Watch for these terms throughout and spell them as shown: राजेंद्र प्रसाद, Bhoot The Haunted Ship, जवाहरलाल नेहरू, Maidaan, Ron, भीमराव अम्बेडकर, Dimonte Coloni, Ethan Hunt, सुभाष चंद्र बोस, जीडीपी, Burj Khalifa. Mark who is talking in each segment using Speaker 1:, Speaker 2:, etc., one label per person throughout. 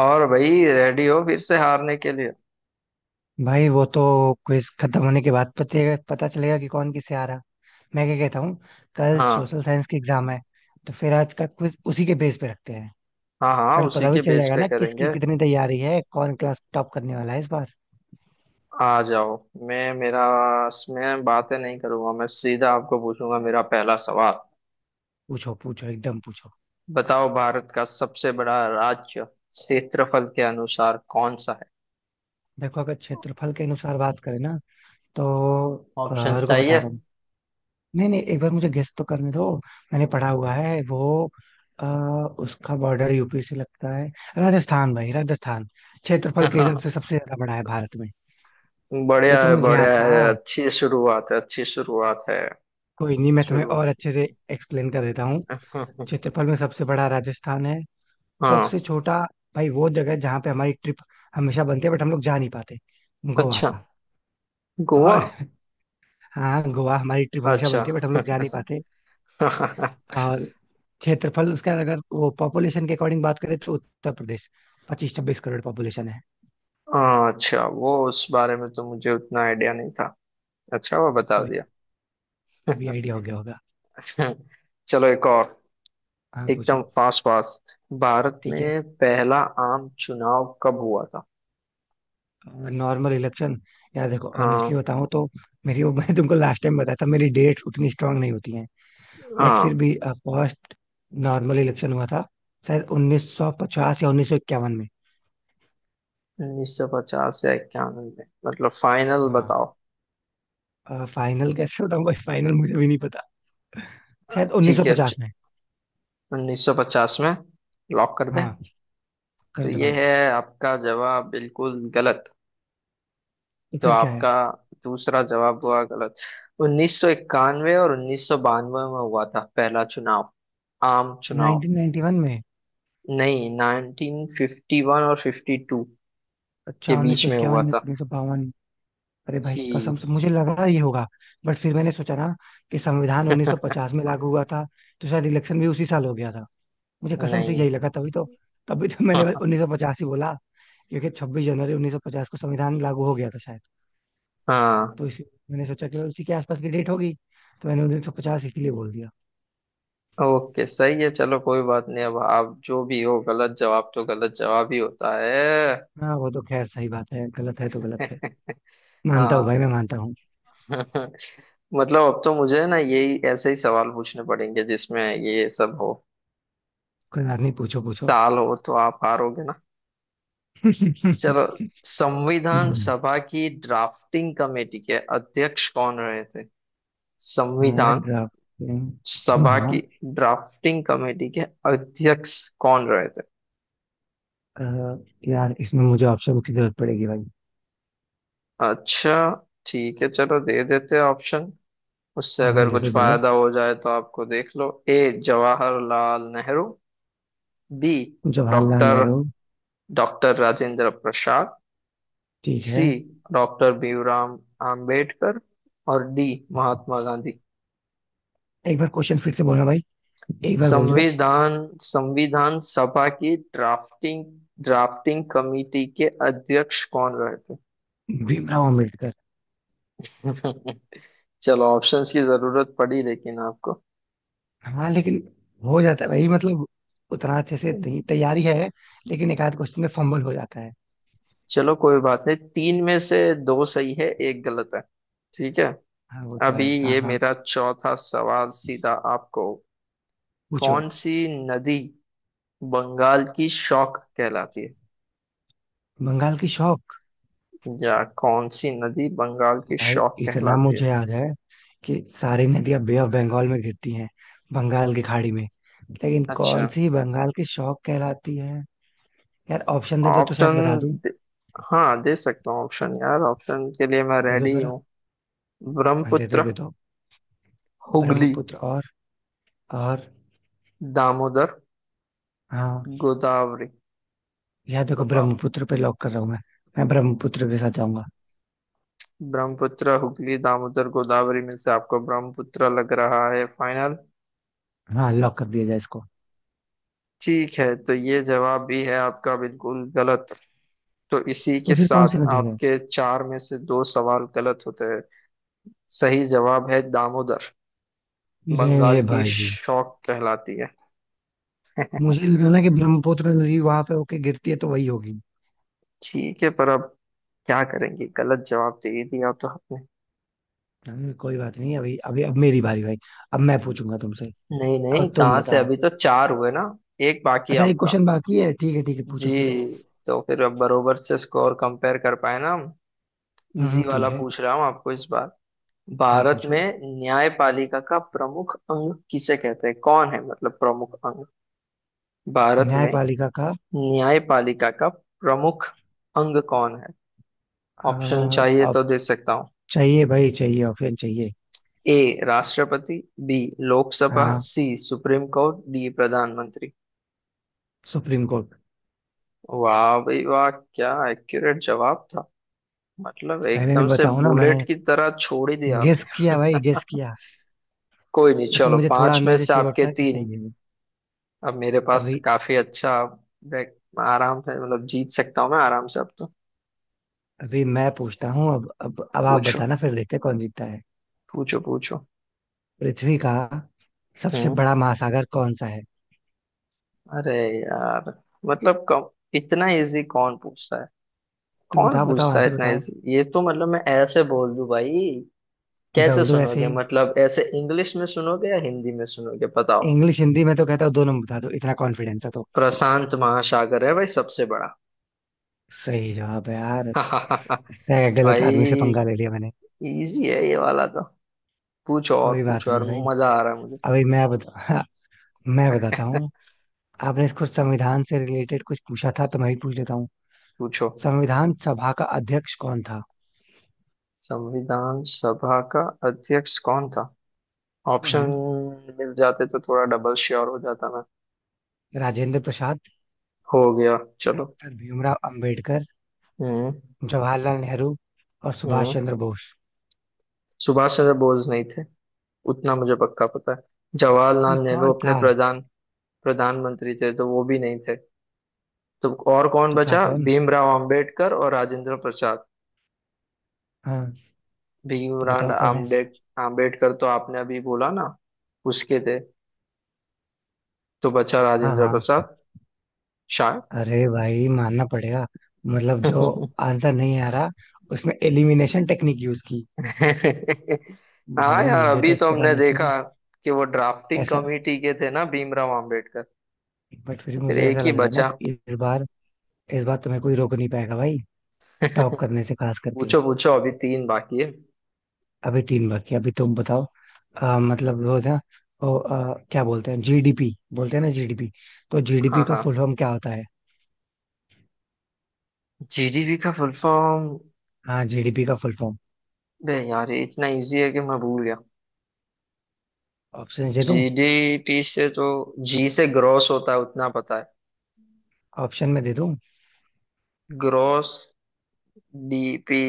Speaker 1: और भाई रेडी हो फिर से हारने के लिए।
Speaker 2: भाई वो तो क्विज खत्म होने के बाद पते पता चलेगा कि कौन किससे आ रहा। मैं क्या कहता हूँ। कल
Speaker 1: हाँ।
Speaker 2: सोशल साइंस की एग्जाम है। तो फिर आज का क्विज उसी के बेस पे रखते हैं।
Speaker 1: हाँ हाँ,
Speaker 2: कल
Speaker 1: उसी
Speaker 2: पता भी
Speaker 1: के
Speaker 2: चल
Speaker 1: बेस
Speaker 2: जाएगा
Speaker 1: पे
Speaker 2: ना किसकी
Speaker 1: करेंगे।
Speaker 2: कितनी तैयारी है कौन क्लास टॉप करने वाला है इस बार।
Speaker 1: आ जाओ। मैं मेरा मैं बातें नहीं करूंगा, मैं सीधा आपको पूछूंगा। मेरा पहला सवाल,
Speaker 2: पूछो पूछो एकदम पूछो।
Speaker 1: बताओ भारत का सबसे बड़ा राज्य क्षेत्रफल के अनुसार कौन सा।
Speaker 2: देखो अगर क्षेत्रफल के अनुसार बात करें ना तो
Speaker 1: ऑप्शन
Speaker 2: रुको
Speaker 1: चाहिए
Speaker 2: बता
Speaker 1: है?
Speaker 2: रहा हूँ। नहीं नहीं एक बार मुझे गेस तो करने दो। मैंने पढ़ा हुआ है वो। आ, उसका बॉर्डर यूपी से लगता है। राजस्थान भाई राजस्थान। क्षेत्रफल के हिसाब से सबसे ज्यादा बड़ा है भारत में। ये
Speaker 1: बढ़िया
Speaker 2: तो
Speaker 1: है
Speaker 2: मुझे
Speaker 1: बढ़िया
Speaker 2: आता।
Speaker 1: है, अच्छी शुरुआत है अच्छी शुरुआत है।
Speaker 2: कोई नहीं मैं तुम्हें और
Speaker 1: शुरुआत।
Speaker 2: अच्छे से एक्सप्लेन कर देता हूँ। क्षेत्रफल में सबसे बड़ा राजस्थान है।
Speaker 1: हाँ।
Speaker 2: सबसे छोटा भाई वो जगह है जहाँ पे हमारी ट्रिप हमेशा बनती है बट हम लोग जा नहीं पाते। गोवा।
Speaker 1: अच्छा, गोवा।
Speaker 2: और हाँ गोवा हमारी ट्रिप हमेशा
Speaker 1: अच्छा।
Speaker 2: बनती है बट हम लोग जा नहीं पाते। और क्षेत्रफल उसका अगर वो पॉपुलेशन के अकॉर्डिंग बात करें तो उत्तर प्रदेश 25-26 करोड़ पॉपुलेशन है।
Speaker 1: हाँ, अच्छा वो उस बारे में तो मुझे उतना आइडिया नहीं था। अच्छा वो बता
Speaker 2: कोई
Speaker 1: दिया।
Speaker 2: भी आइडिया हो गया होगा।
Speaker 1: चलो एक और।
Speaker 2: हाँ
Speaker 1: एकदम
Speaker 2: पूछो।
Speaker 1: Fast fast. भारत
Speaker 2: ठीक है।
Speaker 1: में पहला आम चुनाव कब हुआ था?
Speaker 2: Normal election. यार देखो ऑनेस्टली
Speaker 1: हाँ।
Speaker 2: बताऊं तो मेरी वो मैंने तुमको लास्ट टाइम बताया था मेरी डेट्स उतनी स्ट्रांग नहीं होती हैं। बट फिर
Speaker 1: हाँ,
Speaker 2: भी फर्स्ट नॉर्मल इलेक्शन हुआ था शायद 1950 या 1951 में।
Speaker 1: उन्नीस सौ पचास या इक्यानवे में, मतलब फाइनल
Speaker 2: हाँ।
Speaker 1: बताओ।
Speaker 2: फाइनल कैसे बताऊं भाई फाइनल मुझे भी नहीं पता। शायद
Speaker 1: ठीक है,
Speaker 2: 1950 में।
Speaker 1: उन्नीस सौ पचास में लॉक कर दें?
Speaker 2: हाँ
Speaker 1: तो
Speaker 2: कर दो
Speaker 1: ये
Speaker 2: भाई।
Speaker 1: है आपका जवाब बिल्कुल गलत।
Speaker 2: तो
Speaker 1: तो
Speaker 2: फिर क्या है।
Speaker 1: आपका दूसरा जवाब हुआ गलत। 1991 और 1992 में हुआ था पहला चुनाव, आम चुनाव।
Speaker 2: 1991 में।
Speaker 1: नहीं, 1951 और 52 के
Speaker 2: अच्छा उन्नीस
Speaker 1: बीच
Speaker 2: सौ
Speaker 1: में
Speaker 2: इक्यावन
Speaker 1: हुआ
Speaker 2: में,
Speaker 1: था।
Speaker 2: 1952। अरे भाई
Speaker 1: सी।
Speaker 2: कसम से मुझे लगा ये होगा। बट फिर मैंने सोचा ना कि संविधान 1950 में लागू हुआ था। तो शायद इलेक्शन भी उसी साल हो गया था। मुझे कसम से
Speaker 1: नहीं।
Speaker 2: यही लगा तभी तो। तभी तो मैंने बस 1950 ही बोला। क्योंकि 26 जनवरी 1950 को संविधान लागू हो गया था शायद।
Speaker 1: हाँ।
Speaker 2: तो इसी मैंने सोचा कि उसी के आसपास की डेट होगी। तो मैंने 1950 इसीलिए बोल दिया।
Speaker 1: ओके सही है, चलो कोई बात नहीं। अब आप जो भी हो, गलत जवाब तो गलत जवाब ही होता है।
Speaker 2: हाँ वो तो खैर सही बात है गलत है तो गलत है। मानता हूँ
Speaker 1: हाँ।
Speaker 2: भाई मैं मानता हूँ।
Speaker 1: मतलब अब तो मुझे ना यही ऐसे ही सवाल पूछने पड़ेंगे जिसमें ये सब हो।
Speaker 2: कोई बात नहीं पूछो पूछो।
Speaker 1: साल हो तो आप हारोगे ना। चलो, संविधान सभा की ड्राफ्टिंग कमेटी के अध्यक्ष कौन रहे थे?
Speaker 2: हाँ
Speaker 1: संविधान
Speaker 2: ड्राफ्टिंग।
Speaker 1: सभा
Speaker 2: हाँ
Speaker 1: की ड्राफ्टिंग कमेटी के अध्यक्ष कौन रहे थे?
Speaker 2: अ, यार इसमें मुझे ऑप्शन की जरूरत पड़ेगी भाई।
Speaker 1: अच्छा, ठीक है चलो दे देते हैं ऑप्शन। उससे
Speaker 2: हाँ
Speaker 1: अगर
Speaker 2: दे
Speaker 1: कुछ
Speaker 2: दो दे दो।
Speaker 1: फायदा हो जाए तो आपको, देख लो। A, जवाहरलाल नेहरू। B,
Speaker 2: Jawaharlal
Speaker 1: doctor
Speaker 2: Nehru.
Speaker 1: Doctor राजेंद्र प्रसाद।
Speaker 2: ठीक है।
Speaker 1: C, doctor Bhimrao Ambedkar. और डी, महात्मा गांधी।
Speaker 2: एक बार क्वेश्चन फिर से बोलना भाई। एक बार बोल दो बस।
Speaker 1: संविधान संविधान सभा की ड्राफ्टिंग ड्राफ्टिंग कमेटी के अध्यक्ष कौन रहे
Speaker 2: भीमराव अम्बेडकर।
Speaker 1: थे? चलो ऑप्शंस की जरूरत पड़ी लेकिन आपको।
Speaker 2: हाँ लेकिन हो जाता है भाई मतलब उतना अच्छे से तैयारी है। लेकिन एक आध क्वेश्चन में फंबल हो जाता है।
Speaker 1: चलो कोई बात नहीं, तीन में से दो सही है एक गलत है। ठीक है।
Speaker 2: हाँ वो तो
Speaker 1: अभी
Speaker 2: है हाँ
Speaker 1: ये
Speaker 2: हाँ।
Speaker 1: मेरा चौथा सवाल सीधा आपको।
Speaker 2: पूछो।
Speaker 1: कौन सी नदी बंगाल की शौक कहलाती है?
Speaker 2: बंगाल की शौक।
Speaker 1: या कौन सी नदी बंगाल की
Speaker 2: भाई
Speaker 1: शौक
Speaker 2: इतना
Speaker 1: कहलाती है?
Speaker 2: मुझे याद है कि सारी नदियां बे ऑफ बंगाल में गिरती हैं। बंगाल की खाड़ी में। लेकिन
Speaker 1: अच्छा।
Speaker 2: कौन सी बंगाल की शौक कहलाती है। यार ऑप्शन दे दो तो शायद
Speaker 1: ऑप्शन
Speaker 2: बता दूं।
Speaker 1: दे, हाँ दे सकता हूँ ऑप्शन। यार ऑप्शन के लिए मैं
Speaker 2: दे दो
Speaker 1: रेडी
Speaker 2: जरा।
Speaker 1: हूँ।
Speaker 2: हाँ, दे दो
Speaker 1: ब्रह्मपुत्र,
Speaker 2: दे दो।
Speaker 1: हुगली,
Speaker 2: ब्रह्मपुत्र और।
Speaker 1: दामोदर,
Speaker 2: हाँ
Speaker 1: गोदावरी।
Speaker 2: यार देखो
Speaker 1: बताओ।
Speaker 2: ब्रह्मपुत्र पे लॉक कर रहा हूँ मैं। मैं ब्रह्मपुत्र के साथ जाऊंगा।
Speaker 1: ब्रह्मपुत्र, हुगली, दामोदर, गोदावरी में से आपको ब्रह्मपुत्र लग रहा है फाइनल?
Speaker 2: हाँ लॉक कर दिया जाए इसको।
Speaker 1: ठीक है, तो ये जवाब भी है आपका बिल्कुल गलत। तो इसी
Speaker 2: तो
Speaker 1: के
Speaker 2: फिर कौन सी
Speaker 1: साथ
Speaker 2: नदी है।
Speaker 1: आपके चार में से दो सवाल गलत होते हैं। सही जवाब है दामोदर, बंगाल
Speaker 2: अरे
Speaker 1: की
Speaker 2: भाई
Speaker 1: शौक कहलाती है।
Speaker 2: मुझे लगा ना कि ब्रह्मपुत्र नदी वहां पे होके गिरती है तो वही होगी।
Speaker 1: ठीक है, पर अब क्या करेंगे, गलत जवाब दे ही दिया तो आपने।
Speaker 2: कोई बात नहीं अभी अभी अब मेरी बारी भाई। अब मैं पूछूंगा तुमसे।
Speaker 1: नहीं नहीं,
Speaker 2: अब तुम
Speaker 1: कहाँ से,
Speaker 2: बताओ।
Speaker 1: अभी तो चार हुए ना, एक बाकी है
Speaker 2: अच्छा एक
Speaker 1: आपका।
Speaker 2: क्वेश्चन बाकी है ठीक है ठीक है पूछो फिर।
Speaker 1: जी। तो फिर अब बरोबर से स्कोर कंपेयर कर पाए ना हम। इजी
Speaker 2: ठीक
Speaker 1: वाला
Speaker 2: है।
Speaker 1: पूछ रहा हूँ आपको इस बार।
Speaker 2: हाँ
Speaker 1: भारत
Speaker 2: पूछो।
Speaker 1: में न्यायपालिका का प्रमुख अंग किसे कहते हैं, कौन है मतलब प्रमुख अंग? भारत में
Speaker 2: न्यायपालिका का।
Speaker 1: न्यायपालिका का प्रमुख अंग कौन है?
Speaker 2: अ,
Speaker 1: ऑप्शन चाहिए
Speaker 2: अब
Speaker 1: तो दे सकता हूँ।
Speaker 2: चाहिए भाई चाहिए ऑप्शन चाहिए।
Speaker 1: ए राष्ट्रपति, बी लोकसभा,
Speaker 2: हाँ
Speaker 1: सी सुप्रीम कोर्ट, डी प्रधानमंत्री।
Speaker 2: Supreme court.
Speaker 1: वाह भाई वाह, क्या एक्यूरेट जवाब था। मतलब
Speaker 2: मैंने नहीं
Speaker 1: एकदम से
Speaker 2: बताऊं ना मैंने
Speaker 1: बुलेट की तरह छोड़ ही दिया
Speaker 2: गेस किया
Speaker 1: आपने।
Speaker 2: भाई गेस किया।
Speaker 1: कोई नहीं,
Speaker 2: लेकिन
Speaker 1: चलो
Speaker 2: मुझे थोड़ा
Speaker 1: पांच में
Speaker 2: अंदर से
Speaker 1: से
Speaker 2: श्योर
Speaker 1: आपके
Speaker 2: था कि
Speaker 1: तीन।
Speaker 2: सही है वो।
Speaker 1: अब मेरे पास
Speaker 2: अभी
Speaker 1: काफी अच्छा आराम से, मतलब जीत सकता हूँ मैं आराम से अब तो।
Speaker 2: अभी मैं पूछता हूँ अब आप
Speaker 1: पूछो।
Speaker 2: बताना फिर देखते हैं कौन जीतता है।
Speaker 1: पूछो पूछो।
Speaker 2: पृथ्वी का सबसे
Speaker 1: हम्म।
Speaker 2: बड़ा महासागर कौन सा है।
Speaker 1: अरे यार, मतलब कम, इतना इजी कौन पूछता है?
Speaker 2: तुम
Speaker 1: कौन
Speaker 2: बताओ बताओ
Speaker 1: पूछता है
Speaker 2: आंसर
Speaker 1: इतना
Speaker 2: बताओ।
Speaker 1: इजी, ये तो मतलब मैं ऐसे बोल दूं भाई। कैसे
Speaker 2: बोल दो ऐसे
Speaker 1: सुनोगे,
Speaker 2: ही।
Speaker 1: मतलब ऐसे इंग्लिश में सुनोगे या हिंदी में सुनोगे बताओ।
Speaker 2: इंग्लिश हिंदी में तो कहता हूँ दोनों में बता दो इतना कॉन्फिडेंस है तो।
Speaker 1: प्रशांत महासागर है भाई सबसे बड़ा।
Speaker 2: सही जवाब है यार। लगता है गलत आदमी से पंगा
Speaker 1: भाई
Speaker 2: ले लिया मैंने।
Speaker 1: इजी है ये वाला तो। पूछो
Speaker 2: कोई
Speaker 1: और,
Speaker 2: बात
Speaker 1: पूछो और,
Speaker 2: नहीं भाई।
Speaker 1: मजा आ रहा है मुझे।
Speaker 2: अभी मैं बता मैं बताता हूँ। आपने कुछ संविधान से रिलेटेड कुछ पूछा था तो मैं भी पूछ लेता हूँ।
Speaker 1: पूछो।
Speaker 2: संविधान सभा का अध्यक्ष कौन था।
Speaker 1: संविधान सभा का अध्यक्ष कौन था? ऑप्शन
Speaker 2: हम्म,
Speaker 1: मिल जाते तो थोड़ा डबल श्योर हो जाता मैं।
Speaker 2: राजेंद्र प्रसाद।
Speaker 1: हो गया, चलो।
Speaker 2: डॉक्टर भीमराव अंबेडकर।
Speaker 1: हम्म।
Speaker 2: जवाहरलाल नेहरू और सुभाष
Speaker 1: हम्म।
Speaker 2: चंद्र बोस।
Speaker 1: सुभाष चंद्र बोस नहीं थे, उतना मुझे पक्का पता है।
Speaker 2: ये
Speaker 1: जवाहरलाल नेहरू
Speaker 2: कौन
Speaker 1: अपने
Speaker 2: था।
Speaker 1: प्रधान प्रधानमंत्री थे तो वो भी नहीं थे। तो और कौन
Speaker 2: तो था
Speaker 1: बचा,
Speaker 2: कौन।
Speaker 1: भीमराव अंबेडकर और राजेंद्र प्रसाद।
Speaker 2: हाँ। तो
Speaker 1: भीमराव
Speaker 2: बताओ कौन है।
Speaker 1: आम्बेड आम्बेडकर तो आपने अभी बोला ना, उसके थे। तो बचा
Speaker 2: हाँ
Speaker 1: राजेंद्र
Speaker 2: हाँ।
Speaker 1: प्रसाद, शायद।
Speaker 2: अरे भाई मानना पड़ेगा। मतलब जो आंसर नहीं आ रहा उसमें एलिमिनेशन टेक्निक यूज की।
Speaker 1: हाँ
Speaker 2: भाई
Speaker 1: यार,
Speaker 2: मुझे
Speaker 1: अभी
Speaker 2: तो
Speaker 1: तो
Speaker 2: पता
Speaker 1: हमने
Speaker 2: नहीं
Speaker 1: देखा
Speaker 2: क्यों
Speaker 1: कि वो ड्राफ्टिंग
Speaker 2: ऐसा।
Speaker 1: कमेटी के थे ना भीमराव आम्बेडकर।
Speaker 2: बट फिर
Speaker 1: तो
Speaker 2: भी
Speaker 1: फिर
Speaker 2: मुझे
Speaker 1: एक
Speaker 2: ऐसा
Speaker 1: ही
Speaker 2: लग रहा है ना
Speaker 1: बचा।
Speaker 2: कि इस बार तुम्हें कोई रोक नहीं पाएगा भाई। टॉप करने से खास करके।
Speaker 1: पूछो। पूछो, अभी तीन बाकी है।
Speaker 2: अभी तीन बाकी अभी तुम बताओ। मतलब वो था। क्या बोलते हैं जीडीपी बोलते हैं ना जीडीपी। तो
Speaker 1: हाँ
Speaker 2: जीडीपी का
Speaker 1: हाँ,
Speaker 2: फुल फॉर्म क्या होता है।
Speaker 1: जीडीपी का फुल फॉर्म।
Speaker 2: हाँ जीडीपी का फुल फॉर्म।
Speaker 1: बे यार ये इतना इजी है कि मैं भूल गया।
Speaker 2: ऑप्शन दे दूं।
Speaker 1: जीडीपी से तो जी से ग्रॉस होता है उतना पता है।
Speaker 2: ऑप्शन में दे दूं।
Speaker 1: ग्रॉस डीपी,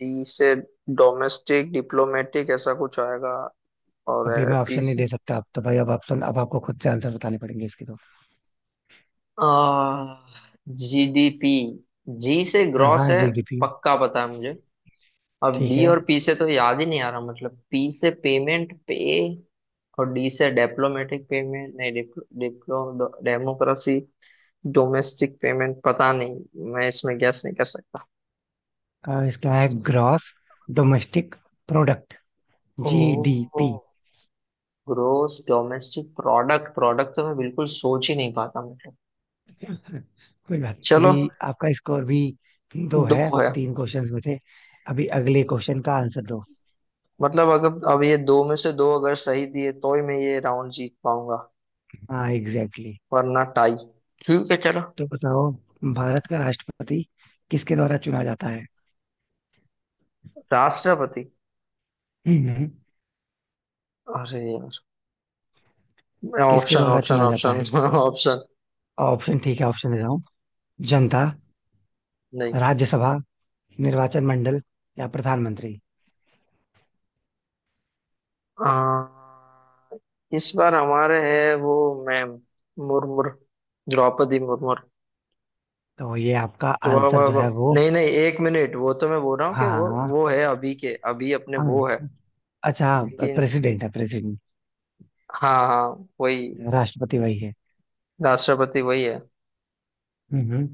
Speaker 1: डी से डोमेस्टिक, डिप्लोमेटिक ऐसा कुछ आएगा।
Speaker 2: अभी
Speaker 1: और
Speaker 2: मैं
Speaker 1: पी
Speaker 2: ऑप्शन नहीं
Speaker 1: से,
Speaker 2: दे सकता अब तो भाई अब ऑप्शन अब आपको खुद से आंसर बताने पड़ेंगे इसके तो।
Speaker 1: जीडीपी, जी से
Speaker 2: हाँ
Speaker 1: ग्रॉस
Speaker 2: हाँ
Speaker 1: है
Speaker 2: जीडीपी।
Speaker 1: पक्का पता है मुझे। अब
Speaker 2: ठीक
Speaker 1: डी
Speaker 2: है।
Speaker 1: और पी से तो याद ही नहीं आ रहा, मतलब पी से पेमेंट पे, और डी से डिप्लोमेटिक, पेमेंट नहीं, डिप्लो डिप्लो डेमोक्रेसी, डोमेस्टिक, पेमेंट, पता नहीं मैं इसमें गैस नहीं कर सकता।
Speaker 2: इसका है ग्रॉस डोमेस्टिक प्रोडक्ट
Speaker 1: ओ,
Speaker 2: जीडीपी।
Speaker 1: Gross domestic product, product तो मैं बिल्कुल सोच ही नहीं पाता मतलब।
Speaker 2: कोई बात नहीं
Speaker 1: चलो।
Speaker 2: अभी आपका स्कोर भी दो
Speaker 1: दो
Speaker 2: है
Speaker 1: है।
Speaker 2: तीन क्वेश्चंस में थे। अभी अगले क्वेश्चन का आंसर दो।
Speaker 1: मतलब अगर अब ये दो में से दो अगर सही दिए तो ही मैं ये राउंड जीत पाऊंगा,
Speaker 2: हाँ एग्जैक्टली exactly।
Speaker 1: वरना टाई। ठीक है, चलो।
Speaker 2: तो बताओ भारत का राष्ट्रपति किसके द्वारा चुना जाता है।
Speaker 1: राष्ट्रपति।
Speaker 2: हम्म।
Speaker 1: अरे यार,
Speaker 2: किसके
Speaker 1: ऑप्शन
Speaker 2: द्वारा
Speaker 1: ऑप्शन
Speaker 2: चुना जाता है।
Speaker 1: ऑप्शन। ऑप्शन।
Speaker 2: ऑप्शन ठीक है ऑप्शन देता हूँ। जनता
Speaker 1: नहीं।
Speaker 2: राज्यसभा निर्वाचन मंडल या प्रधानमंत्री।
Speaker 1: आ, इस बार हमारे है वो, मैम, मुर्मुर, द्रौपदी मुर्मुर।
Speaker 2: तो ये आपका
Speaker 1: जो-
Speaker 2: आंसर
Speaker 1: वो-
Speaker 2: जो है
Speaker 1: वो-
Speaker 2: वो।
Speaker 1: नहीं नहीं, एक मिनट, वो तो मैं बोल रहा हूँ कि
Speaker 2: हाँ
Speaker 1: वो
Speaker 2: हाँ।
Speaker 1: वो है अभी के अभी अपने
Speaker 2: हाँ।
Speaker 1: वो है।
Speaker 2: अच्छा।
Speaker 1: लेकिन।
Speaker 2: प्रेसिडेंट है प्रेसिडेंट।
Speaker 1: हाँ हाँ, वही,
Speaker 2: राष्ट्रपति वही है।
Speaker 1: राष्ट्रपति वही है।
Speaker 2: हम्म।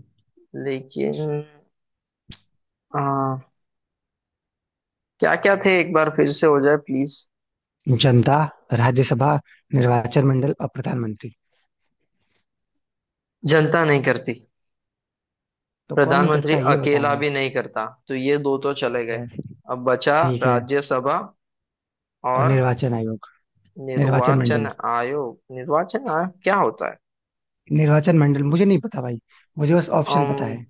Speaker 1: लेकिन क्या क्या थे एक बार फिर से हो जाए प्लीज।
Speaker 2: जनता राज्यसभा निर्वाचन मंडल और प्रधानमंत्री।
Speaker 1: जनता नहीं करती,
Speaker 2: तो कौन
Speaker 1: प्रधानमंत्री
Speaker 2: करता है ये बताना
Speaker 1: अकेला
Speaker 2: है।
Speaker 1: भी नहीं करता, तो ये दो तो
Speaker 2: ठीक
Speaker 1: चले गए।
Speaker 2: है
Speaker 1: अब बचा
Speaker 2: ठीक है।
Speaker 1: राज्यसभा
Speaker 2: और
Speaker 1: और
Speaker 2: निर्वाचन
Speaker 1: निर्वाचन
Speaker 2: मंडल।
Speaker 1: आयोग। निर्वाचन आयोग क्या होता है?
Speaker 2: निर्वाचन मंडल मुझे नहीं पता भाई। मुझे बस ऑप्शन
Speaker 1: अम।
Speaker 2: पता है।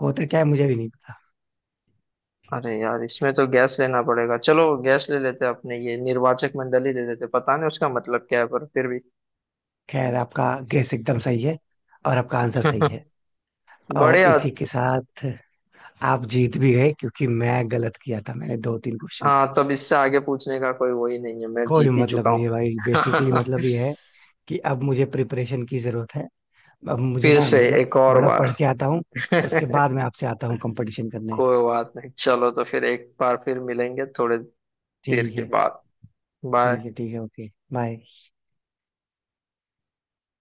Speaker 2: होता क्या है मुझे भी नहीं पता।
Speaker 1: अरे यार इसमें तो गैस लेना पड़ेगा, चलो गैस ले लेते हैं अपने, ये निर्वाचक मंडली ले लेते हैं। पता नहीं उसका मतलब क्या है पर फिर भी।
Speaker 2: खैर आपका गैस एकदम सही है। और आपका आंसर सही है। और
Speaker 1: बढ़िया।
Speaker 2: इसी के साथ आप जीत भी गए क्योंकि मैं गलत किया था मैंने दो तीन क्वेश्चंस।
Speaker 1: हाँ, तब इससे आगे पूछने का कोई वही नहीं है, मैं
Speaker 2: कोई
Speaker 1: जीत ही
Speaker 2: मतलब
Speaker 1: चुका
Speaker 2: नहीं
Speaker 1: हूँ।
Speaker 2: है भाई बेसिकली मतलब ये है कि अब मुझे प्रिपरेशन की जरूरत है। अब मुझे
Speaker 1: फिर
Speaker 2: ना
Speaker 1: से
Speaker 2: मतलब
Speaker 1: एक और
Speaker 2: थोड़ा
Speaker 1: बार।
Speaker 2: पढ़ के आता हूँ। उसके बाद मैं आपसे आता हूँ कंपटीशन करने।
Speaker 1: कोई बात नहीं चलो, तो फिर एक बार फिर मिलेंगे थोड़े देर
Speaker 2: ठीक
Speaker 1: के
Speaker 2: है
Speaker 1: बाद। बाय।
Speaker 2: ठीक है ठीक है ओके बाय।